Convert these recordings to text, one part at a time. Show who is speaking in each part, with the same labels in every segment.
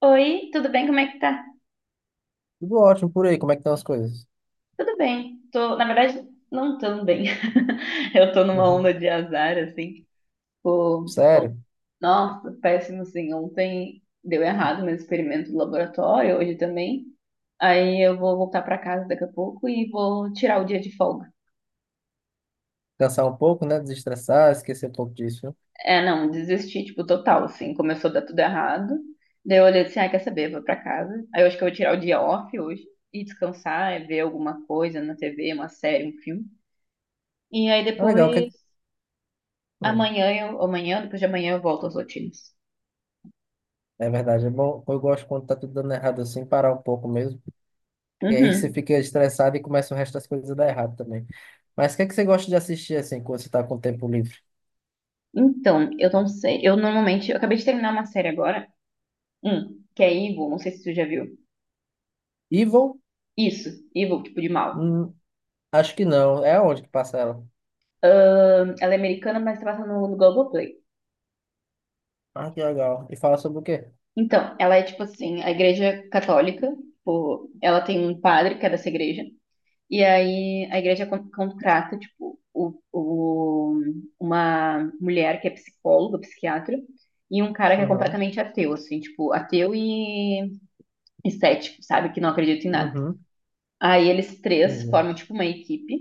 Speaker 1: Oi, tudo bem? Como é que tá?
Speaker 2: Tudo ótimo por aí, como é que estão as coisas?
Speaker 1: Tudo bem. Tô, na verdade, não tão bem. Eu tô numa
Speaker 2: Uhum.
Speaker 1: onda de azar, assim. Tipo, oh,
Speaker 2: Sério?
Speaker 1: nossa, péssimo, assim. Ontem deu errado meu experimento do laboratório, hoje também. Aí eu vou voltar pra casa daqui a pouco e vou tirar o dia de folga.
Speaker 2: Cansar um pouco, né? Desestressar, esquecer um pouco disso, viu?
Speaker 1: É, não, desisti, tipo, total, assim. Começou a dar tudo errado. Daí eu olhei assim, ah, quer saber, vou pra casa. Aí eu acho que eu vou tirar o dia off hoje e descansar, é ver alguma coisa na TV, uma série, um filme. E aí
Speaker 2: Tá legal, o
Speaker 1: depois
Speaker 2: que- Hum,
Speaker 1: amanhã eu, amanhã, depois de amanhã eu volto às rotinas.
Speaker 2: é verdade, é bom. Eu gosto quando tá tudo dando errado assim, parar um pouco mesmo. E aí você
Speaker 1: Uhum.
Speaker 2: fica estressado e começa o resto das coisas a dar errado também. Mas o que é que você gosta de assistir assim, quando você tá com tempo livre?
Speaker 1: Então, eu não sei. Eu normalmente, eu acabei de terminar uma série agora, que é Evil, não sei se tu já viu.
Speaker 2: Evil?
Speaker 1: Isso, Evil, tipo de mal.
Speaker 2: Hum, acho que não. É onde que passa ela?
Speaker 1: Ela é americana, mas tá passando no Globoplay.
Speaker 2: Ah, que legal. E fala sobre o quê?
Speaker 1: Então, ela é tipo assim, a igreja católica, tipo, ela tem um padre que é dessa igreja, e aí a igreja contrata, tipo, uma mulher que é psicóloga, psiquiatra, e um cara que é
Speaker 2: Aham.
Speaker 1: completamente ateu, assim, tipo, ateu e estético, sabe? Que não acredita em nada.
Speaker 2: Uhum.
Speaker 1: Aí eles três
Speaker 2: Entendi.
Speaker 1: formam, tipo, uma equipe.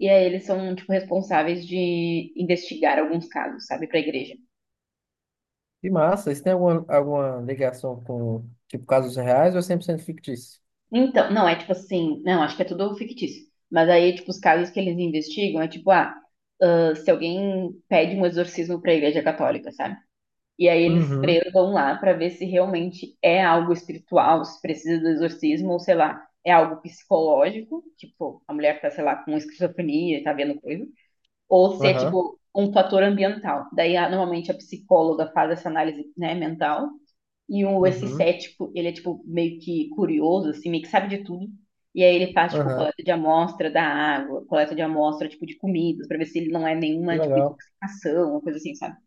Speaker 1: E aí eles são, tipo, responsáveis de investigar alguns casos, sabe? Pra igreja.
Speaker 2: Que massa. Isso tem alguma, alguma ligação com, tipo, casos reais ou é 100% fictício?
Speaker 1: Então, não, é tipo assim... Não, acho que é tudo fictício. Mas aí, tipo, os casos que eles investigam é tipo, ah... Ah, se alguém pede um exorcismo pra igreja católica, sabe? E aí eles
Speaker 2: Uhum,
Speaker 1: três vão lá pra ver se realmente é algo espiritual, se precisa do exorcismo, ou sei lá, é algo psicológico, tipo, a mulher tá, sei lá, com esquizofrenia, e tá vendo coisa, ou se é
Speaker 2: aham,
Speaker 1: tipo um fator ambiental. Daí, normalmente, a psicóloga faz essa análise, né, mental. E o, esse
Speaker 2: uhum,
Speaker 1: cético, ele é tipo meio que curioso, assim, meio que sabe de tudo. E aí ele faz, tipo,
Speaker 2: aham.
Speaker 1: coleta de amostra da água, coleta de amostra, tipo, de comidas, pra ver se ele não é
Speaker 2: Que
Speaker 1: nenhuma, tipo,
Speaker 2: legal.
Speaker 1: intoxicação, uma coisa assim, sabe?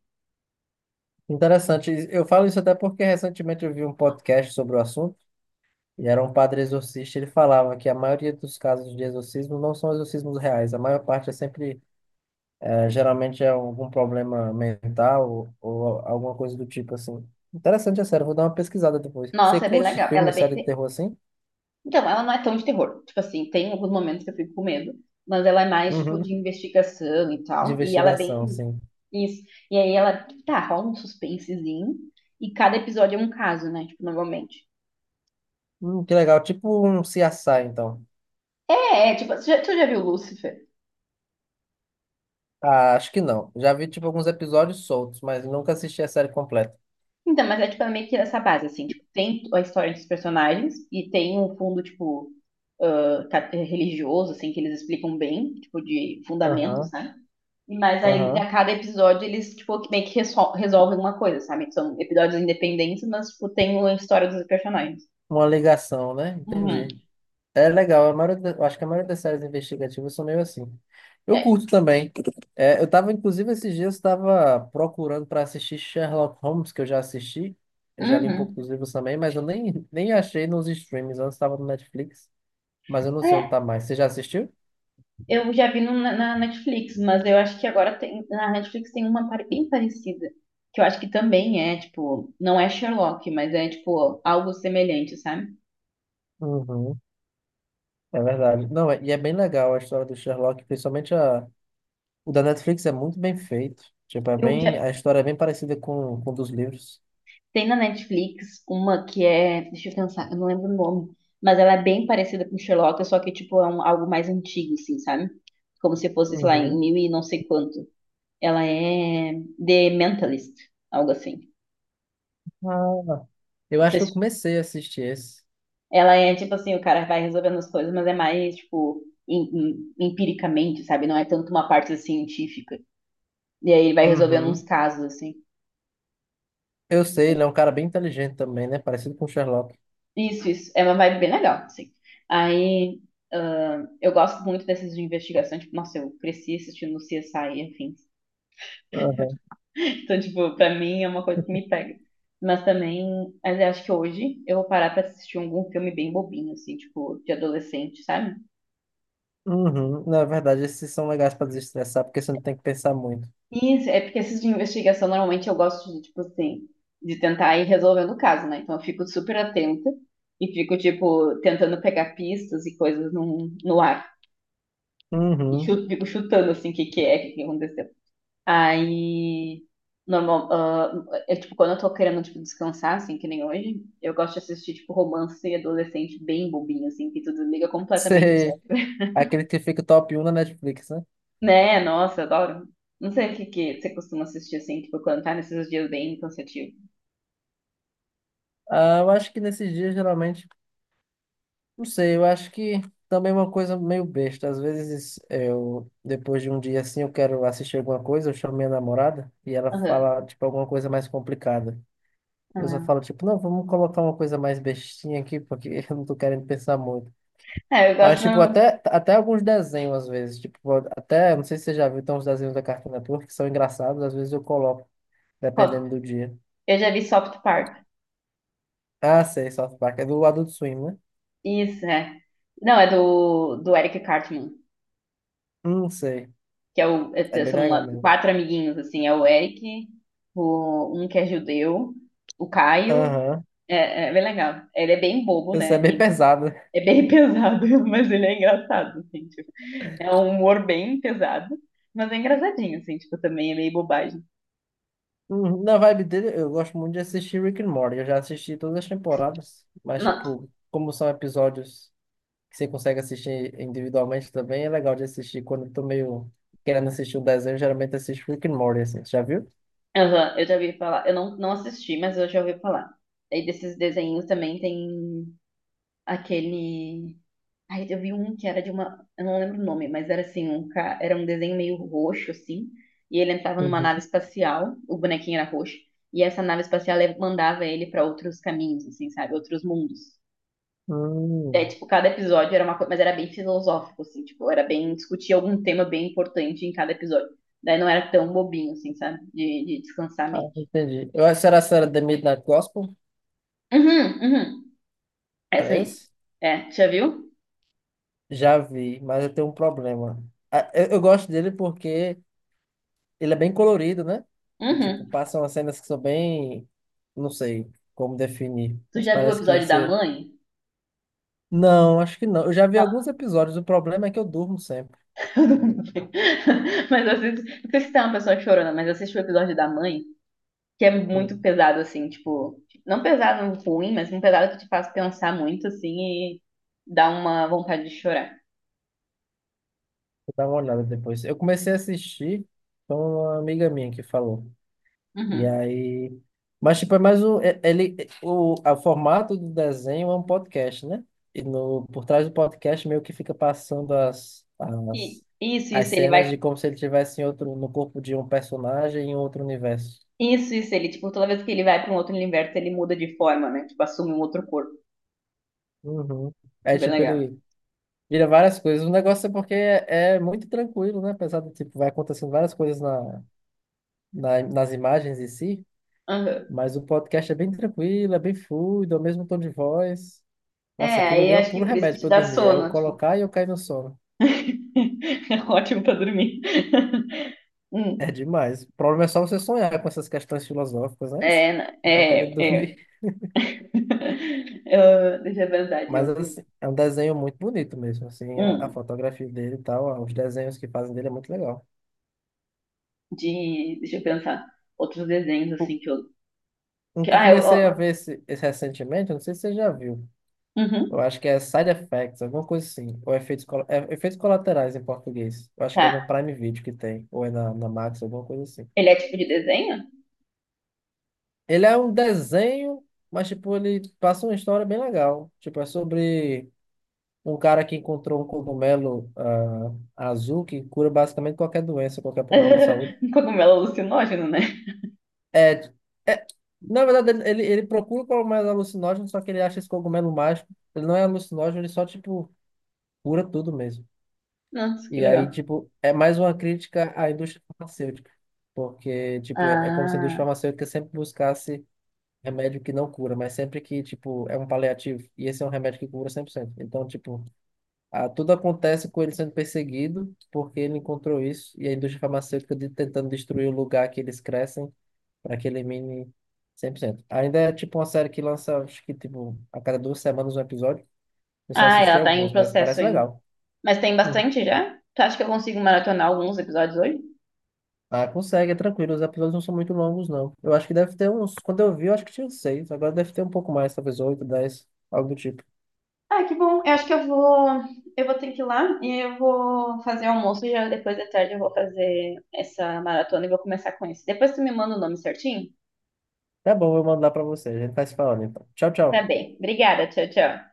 Speaker 2: Interessante. Eu falo isso até porque recentemente eu vi um podcast sobre o assunto e era um padre exorcista. Ele falava que a maioria dos casos de exorcismo não são exorcismos reais. A maior parte é sempre, geralmente é algum problema mental ou alguma coisa do tipo assim. Interessante, é sério. Vou dar uma pesquisada depois. Você
Speaker 1: Nossa, é bem
Speaker 2: curte
Speaker 1: legal. Ela
Speaker 2: filme,
Speaker 1: é
Speaker 2: série de
Speaker 1: bem,
Speaker 2: terror assim?
Speaker 1: então, ela não é tão de terror. Tipo assim, tem alguns momentos que eu fico com medo, mas ela é mais, tipo,
Speaker 2: Uhum.
Speaker 1: de investigação e
Speaker 2: De
Speaker 1: tal. E ela é
Speaker 2: investigação,
Speaker 1: bem
Speaker 2: assim.
Speaker 1: isso. E aí ela, tá, rola um suspensezinho. E cada episódio é um caso, né? Tipo, normalmente.
Speaker 2: Que legal. Tipo um CSI, então.
Speaker 1: É, é, tipo, tu já viu Lúcifer?
Speaker 2: Ah, acho que não. Já vi, tipo, alguns episódios soltos, mas nunca assisti a série completa.
Speaker 1: Então, mas é, tipo, é meio que nessa base, assim. Tipo, tem a história dos personagens e tem um fundo, tipo, ah, religioso, assim, que eles explicam bem, tipo, de fundamentos,
Speaker 2: Aham,
Speaker 1: né? Mas aí,
Speaker 2: aham.
Speaker 1: a cada episódio, eles, tipo, meio que resolvem uma coisa, sabe? São episódios independentes, mas, tipo, tem a história dos personagens.
Speaker 2: Uma ligação, né?
Speaker 1: Uhum.
Speaker 2: Entendi. É legal. A maioria, da- eu acho que a maioria das séries investigativas são meio assim. Eu
Speaker 1: É.
Speaker 2: curto também. É, eu tava, inclusive, esses dias, estava procurando para assistir Sherlock Holmes, que eu já assisti. Eu já li um pouco
Speaker 1: Uhum.
Speaker 2: dos livros também, mas eu nem, nem achei nos streams. Antes estava no Netflix, mas eu não sei onde
Speaker 1: É,
Speaker 2: tá mais. Você já assistiu?
Speaker 1: eu já vi na Netflix, mas eu acho que agora tem, na Netflix tem uma bem parecida, que eu acho que também é, tipo, não é Sherlock, mas é, tipo, algo semelhante, sabe?
Speaker 2: Uhum, é verdade. Não, é- e é bem legal a história do Sherlock, principalmente a. O da Netflix é muito bem feito. Tipo, é
Speaker 1: Eu
Speaker 2: bem,
Speaker 1: já,
Speaker 2: a história é bem parecida com dos livros.
Speaker 1: tem na Netflix uma que é, deixa eu pensar, eu não lembro o nome, mas ela é bem parecida com Sherlock, só que tipo é algo mais antigo, assim, sabe? Como se fosse, sei lá, em
Speaker 2: Uhum.
Speaker 1: mil e não sei quanto. Ela é The Mentalist, algo assim.
Speaker 2: Ah, eu
Speaker 1: Não
Speaker 2: acho
Speaker 1: sei
Speaker 2: que eu
Speaker 1: se...
Speaker 2: comecei a assistir esse.
Speaker 1: Ela é tipo assim, o cara vai resolvendo as coisas, mas é mais tipo em- empiricamente, sabe? Não é tanto uma parte assim, científica. E aí ele vai resolvendo uns
Speaker 2: Uhum.
Speaker 1: casos assim.
Speaker 2: Eu sei, ele é um cara bem inteligente também, né? Parecido com o Sherlock.
Speaker 1: Isso, isso. É uma vibe bem legal, assim. Aí, ah, eu gosto muito dessas de investigação. Tipo, nossa, eu cresci assistindo CSI, enfim.
Speaker 2: Aham.
Speaker 1: Então, tipo, pra mim é uma coisa que me pega. Mas também, mas eu acho que hoje eu vou parar pra assistir algum filme bem bobinho, assim, tipo, de adolescente, sabe?
Speaker 2: Uhum. Na verdade, esses são legais pra desestressar, porque você não tem que pensar muito.
Speaker 1: Isso, é porque esses de investigação, normalmente eu gosto de, tipo, assim, de tentar ir resolvendo o caso, né? Então eu fico super atenta e fico, tipo, tentando pegar pistas e coisas no ar. E
Speaker 2: Uhum.
Speaker 1: fico chutando, assim, o que que é, o que que aconteceu. Aí, normal, ah, eu, tipo, quando eu tô querendo, tipo, descansar, assim, que nem hoje, eu gosto de assistir, tipo, romance adolescente bem bobinho, assim, que tu desliga completamente o
Speaker 2: Sei.
Speaker 1: cérebro.
Speaker 2: Aquele que fica top um na Netflix, né?
Speaker 1: Né? Nossa, eu adoro. Não sei o que que você costuma assistir, assim, tipo, quando tá nesses dias bem cansativos.
Speaker 2: Ah, eu acho que nesses dias, geralmente, não sei, eu acho que também é uma coisa meio besta. Às vezes eu, depois de um dia assim, eu quero assistir alguma coisa, eu chamo minha namorada e ela
Speaker 1: Aham.
Speaker 2: fala, tipo, alguma coisa mais complicada. Eu só
Speaker 1: Aham.
Speaker 2: falo, tipo, não, vamos colocar uma coisa mais bestinha aqui, porque eu não tô querendo pensar muito.
Speaker 1: É, eu
Speaker 2: Mas,
Speaker 1: gosto
Speaker 2: tipo,
Speaker 1: normalmente.
Speaker 2: até, até alguns desenhos, às vezes, tipo, até, não sei se você já viu, tem uns desenhos da Cartoon Network que são engraçados, às vezes eu coloco,
Speaker 1: Qual?
Speaker 2: dependendo do dia.
Speaker 1: Eu já vi South Park.
Speaker 2: Ah, sei, South Park, é do Adult Swim, né?
Speaker 1: Isso, é. Não, é do Eric Cartman,
Speaker 2: Não sei,
Speaker 1: que é o,
Speaker 2: é
Speaker 1: é-
Speaker 2: bem
Speaker 1: são
Speaker 2: legal
Speaker 1: lá
Speaker 2: mesmo.
Speaker 1: quatro amiguinhos, assim, é o Eric, o, um que é judeu, o Caio,
Speaker 2: Aham.
Speaker 1: é, é bem legal. Ele é bem bobo,
Speaker 2: Isso é
Speaker 1: né?
Speaker 2: bem
Speaker 1: Tem,
Speaker 2: pesado.
Speaker 1: é bem pesado, mas ele é engraçado, assim, tipo, é um humor bem pesado, mas é engraçadinho, assim, tipo, também é meio bobagem.
Speaker 2: Uhum. Na vibe dele, eu gosto muito de assistir Rick and Morty. Eu já assisti todas as temporadas, mas,
Speaker 1: Não,
Speaker 2: tipo, como são episódios que você consegue assistir individualmente também, é legal de assistir. Quando eu tô meio querendo assistir um desenho, eu geralmente assisto Rick and Morty, assim. Você já viu?
Speaker 1: aham, eu já ouvi falar, eu não assisti, mas eu já ouvi falar. Aí desses desenhos também tem aquele. Ai, eu vi um que era de uma. Eu não lembro o nome, mas era assim, um ca... era um desenho meio roxo, assim, e ele entrava numa nave
Speaker 2: Uhum.
Speaker 1: espacial, o bonequinho era roxo, e essa nave espacial mandava ele para outros caminhos, assim, sabe? Outros mundos. É,
Speaker 2: Hum.
Speaker 1: tipo, cada episódio era uma coisa, mas era bem filosófico, assim, tipo, era bem discutir algum tema bem importante em cada episódio. Daí não era tão bobinho, assim, sabe? De descansar a
Speaker 2: Ah,
Speaker 1: mente.
Speaker 2: entendi. Eu acho que era, se era The Midnight Gospel,
Speaker 1: Uhum, uhum. Essa aí.
Speaker 2: parece?
Speaker 1: É, tu já viu?
Speaker 2: Já vi, mas eu tenho um problema. Ah, eu gosto dele porque ele é bem colorido, né? E, tipo,
Speaker 1: Uhum.
Speaker 2: passam as cenas que são bem... não sei como definir,
Speaker 1: Tu
Speaker 2: mas
Speaker 1: já viu o
Speaker 2: parece que
Speaker 1: episódio da
Speaker 2: você...
Speaker 1: mãe?
Speaker 2: Não, acho que não. Eu já vi alguns
Speaker 1: Não,
Speaker 2: episódios, o problema é que eu durmo sempre.
Speaker 1: eu não vi. Mas eu assisto, não sei se tá uma pessoa chorona, mas eu o episódio da mãe, que é muito
Speaker 2: Hum,
Speaker 1: pesado, assim, tipo, não pesado ruim, mas um pesado que te faz pensar muito, assim, e dá uma vontade de chorar.
Speaker 2: vou dar uma olhada depois. Eu comecei a assistir, com uma amiga minha que falou. E
Speaker 1: Uhum.
Speaker 2: aí. Mas, tipo, é mais um. É- Ele, o formato do desenho é um podcast, né? E no, por trás do podcast meio que fica passando
Speaker 1: E isso,
Speaker 2: as
Speaker 1: isso, ele
Speaker 2: cenas de
Speaker 1: vai...
Speaker 2: como se ele tivesse em outro, no corpo de um personagem em outro universo.
Speaker 1: Isso, ele, tipo, toda vez que ele vai pra um outro universo, ele muda de forma, né? Tipo, assume um outro corpo.
Speaker 2: Uhum.
Speaker 1: É
Speaker 2: É
Speaker 1: bem
Speaker 2: tipo,
Speaker 1: legal.
Speaker 2: ele vira várias coisas. O negócio é porque é, é muito tranquilo, né? Apesar de, tipo, vai acontecendo várias coisas nas imagens em si,
Speaker 1: Aham.
Speaker 2: mas o podcast é bem tranquilo, é bem fluido, é o mesmo tom de voz. Nossa,
Speaker 1: É,
Speaker 2: aquilo
Speaker 1: aí
Speaker 2: ali é o
Speaker 1: acho que
Speaker 2: puro
Speaker 1: por isso que
Speaker 2: remédio
Speaker 1: te
Speaker 2: pra eu
Speaker 1: dá
Speaker 2: dormir. É eu
Speaker 1: sono, tipo,
Speaker 2: colocar e eu cair no sono.
Speaker 1: é ótimo pra dormir. Hum,
Speaker 2: É demais. O problema é só você sonhar com essas questões filosóficas, né?
Speaker 1: é,
Speaker 2: Você tá querendo
Speaker 1: é,
Speaker 2: dormir.
Speaker 1: é. Eu... deixa eu pensar de
Speaker 2: Mas
Speaker 1: outro.
Speaker 2: assim, é um desenho muito bonito mesmo. Assim, a
Speaker 1: Hum,
Speaker 2: fotografia dele e tal, os desenhos que fazem dele é muito legal.
Speaker 1: de, deixa eu pensar. Outros desenhos, assim,
Speaker 2: O,
Speaker 1: que eu.
Speaker 2: um
Speaker 1: Que...
Speaker 2: que eu
Speaker 1: ah, eu.
Speaker 2: comecei a
Speaker 1: Ó,
Speaker 2: ver esse, esse recentemente, eu não sei se você já viu. Eu
Speaker 1: uhum,
Speaker 2: acho que é Side Effects, alguma coisa assim. Ou efeitos, colo- é, efeitos colaterais em português. Eu acho que é
Speaker 1: tá.
Speaker 2: no Prime Video que tem. Ou é na Max, alguma coisa assim.
Speaker 1: Ele é tipo de desenho?
Speaker 2: Ele é um desenho, mas tipo, ele passa uma história bem legal. Tipo, é sobre um cara que encontrou um cogumelo azul que cura basicamente qualquer doença, qualquer problema de saúde.
Speaker 1: Um cogumelo alucinógeno, né?
Speaker 2: É, é, na verdade, ele, ele procura o cogumelo alucinógeno, só que ele acha esse cogumelo mágico. Ele não é alucinógeno, ele só, tipo, cura tudo mesmo.
Speaker 1: Nossa, que
Speaker 2: E aí,
Speaker 1: legal.
Speaker 2: tipo, é mais uma crítica à indústria farmacêutica. Porque, tipo, é, é como se a indústria
Speaker 1: Ah,
Speaker 2: farmacêutica sempre buscasse remédio que não cura, mas sempre que, tipo, é um paliativo. E esse é um remédio que cura 100%. Então, tipo, tudo acontece com ele sendo perseguido porque ele encontrou isso e a indústria farmacêutica de, tentando destruir o lugar que eles crescem para que elimine 100%. Ainda é, tipo, uma série que lança, acho que, tipo, a cada 2 semanas um episódio. Eu só
Speaker 1: ah,
Speaker 2: assisti
Speaker 1: ela tá em
Speaker 2: alguns, mas
Speaker 1: processo
Speaker 2: parece
Speaker 1: ainda.
Speaker 2: legal.
Speaker 1: Mas tem
Speaker 2: Uhum.
Speaker 1: bastante já? Tu acha que eu consigo maratonar alguns episódios hoje?
Speaker 2: Ah, consegue, é tranquilo. Os episódios não são muito longos, não. Eu acho que deve ter uns. Quando eu vi, eu acho que tinha uns seis. Agora deve ter um pouco mais, talvez oito, 10, algo do tipo.
Speaker 1: Ah, que bom. Eu acho que eu vou. Eu vou ter que ir lá e eu vou fazer o almoço e já depois da tarde eu vou fazer essa maratona e vou começar com isso. Depois tu me manda o nome certinho?
Speaker 2: Tá bom, eu mando lá pra você. A gente vai se falando então. Tchau,
Speaker 1: Tá
Speaker 2: tchau.
Speaker 1: bem. Obrigada. Tchau, tchau.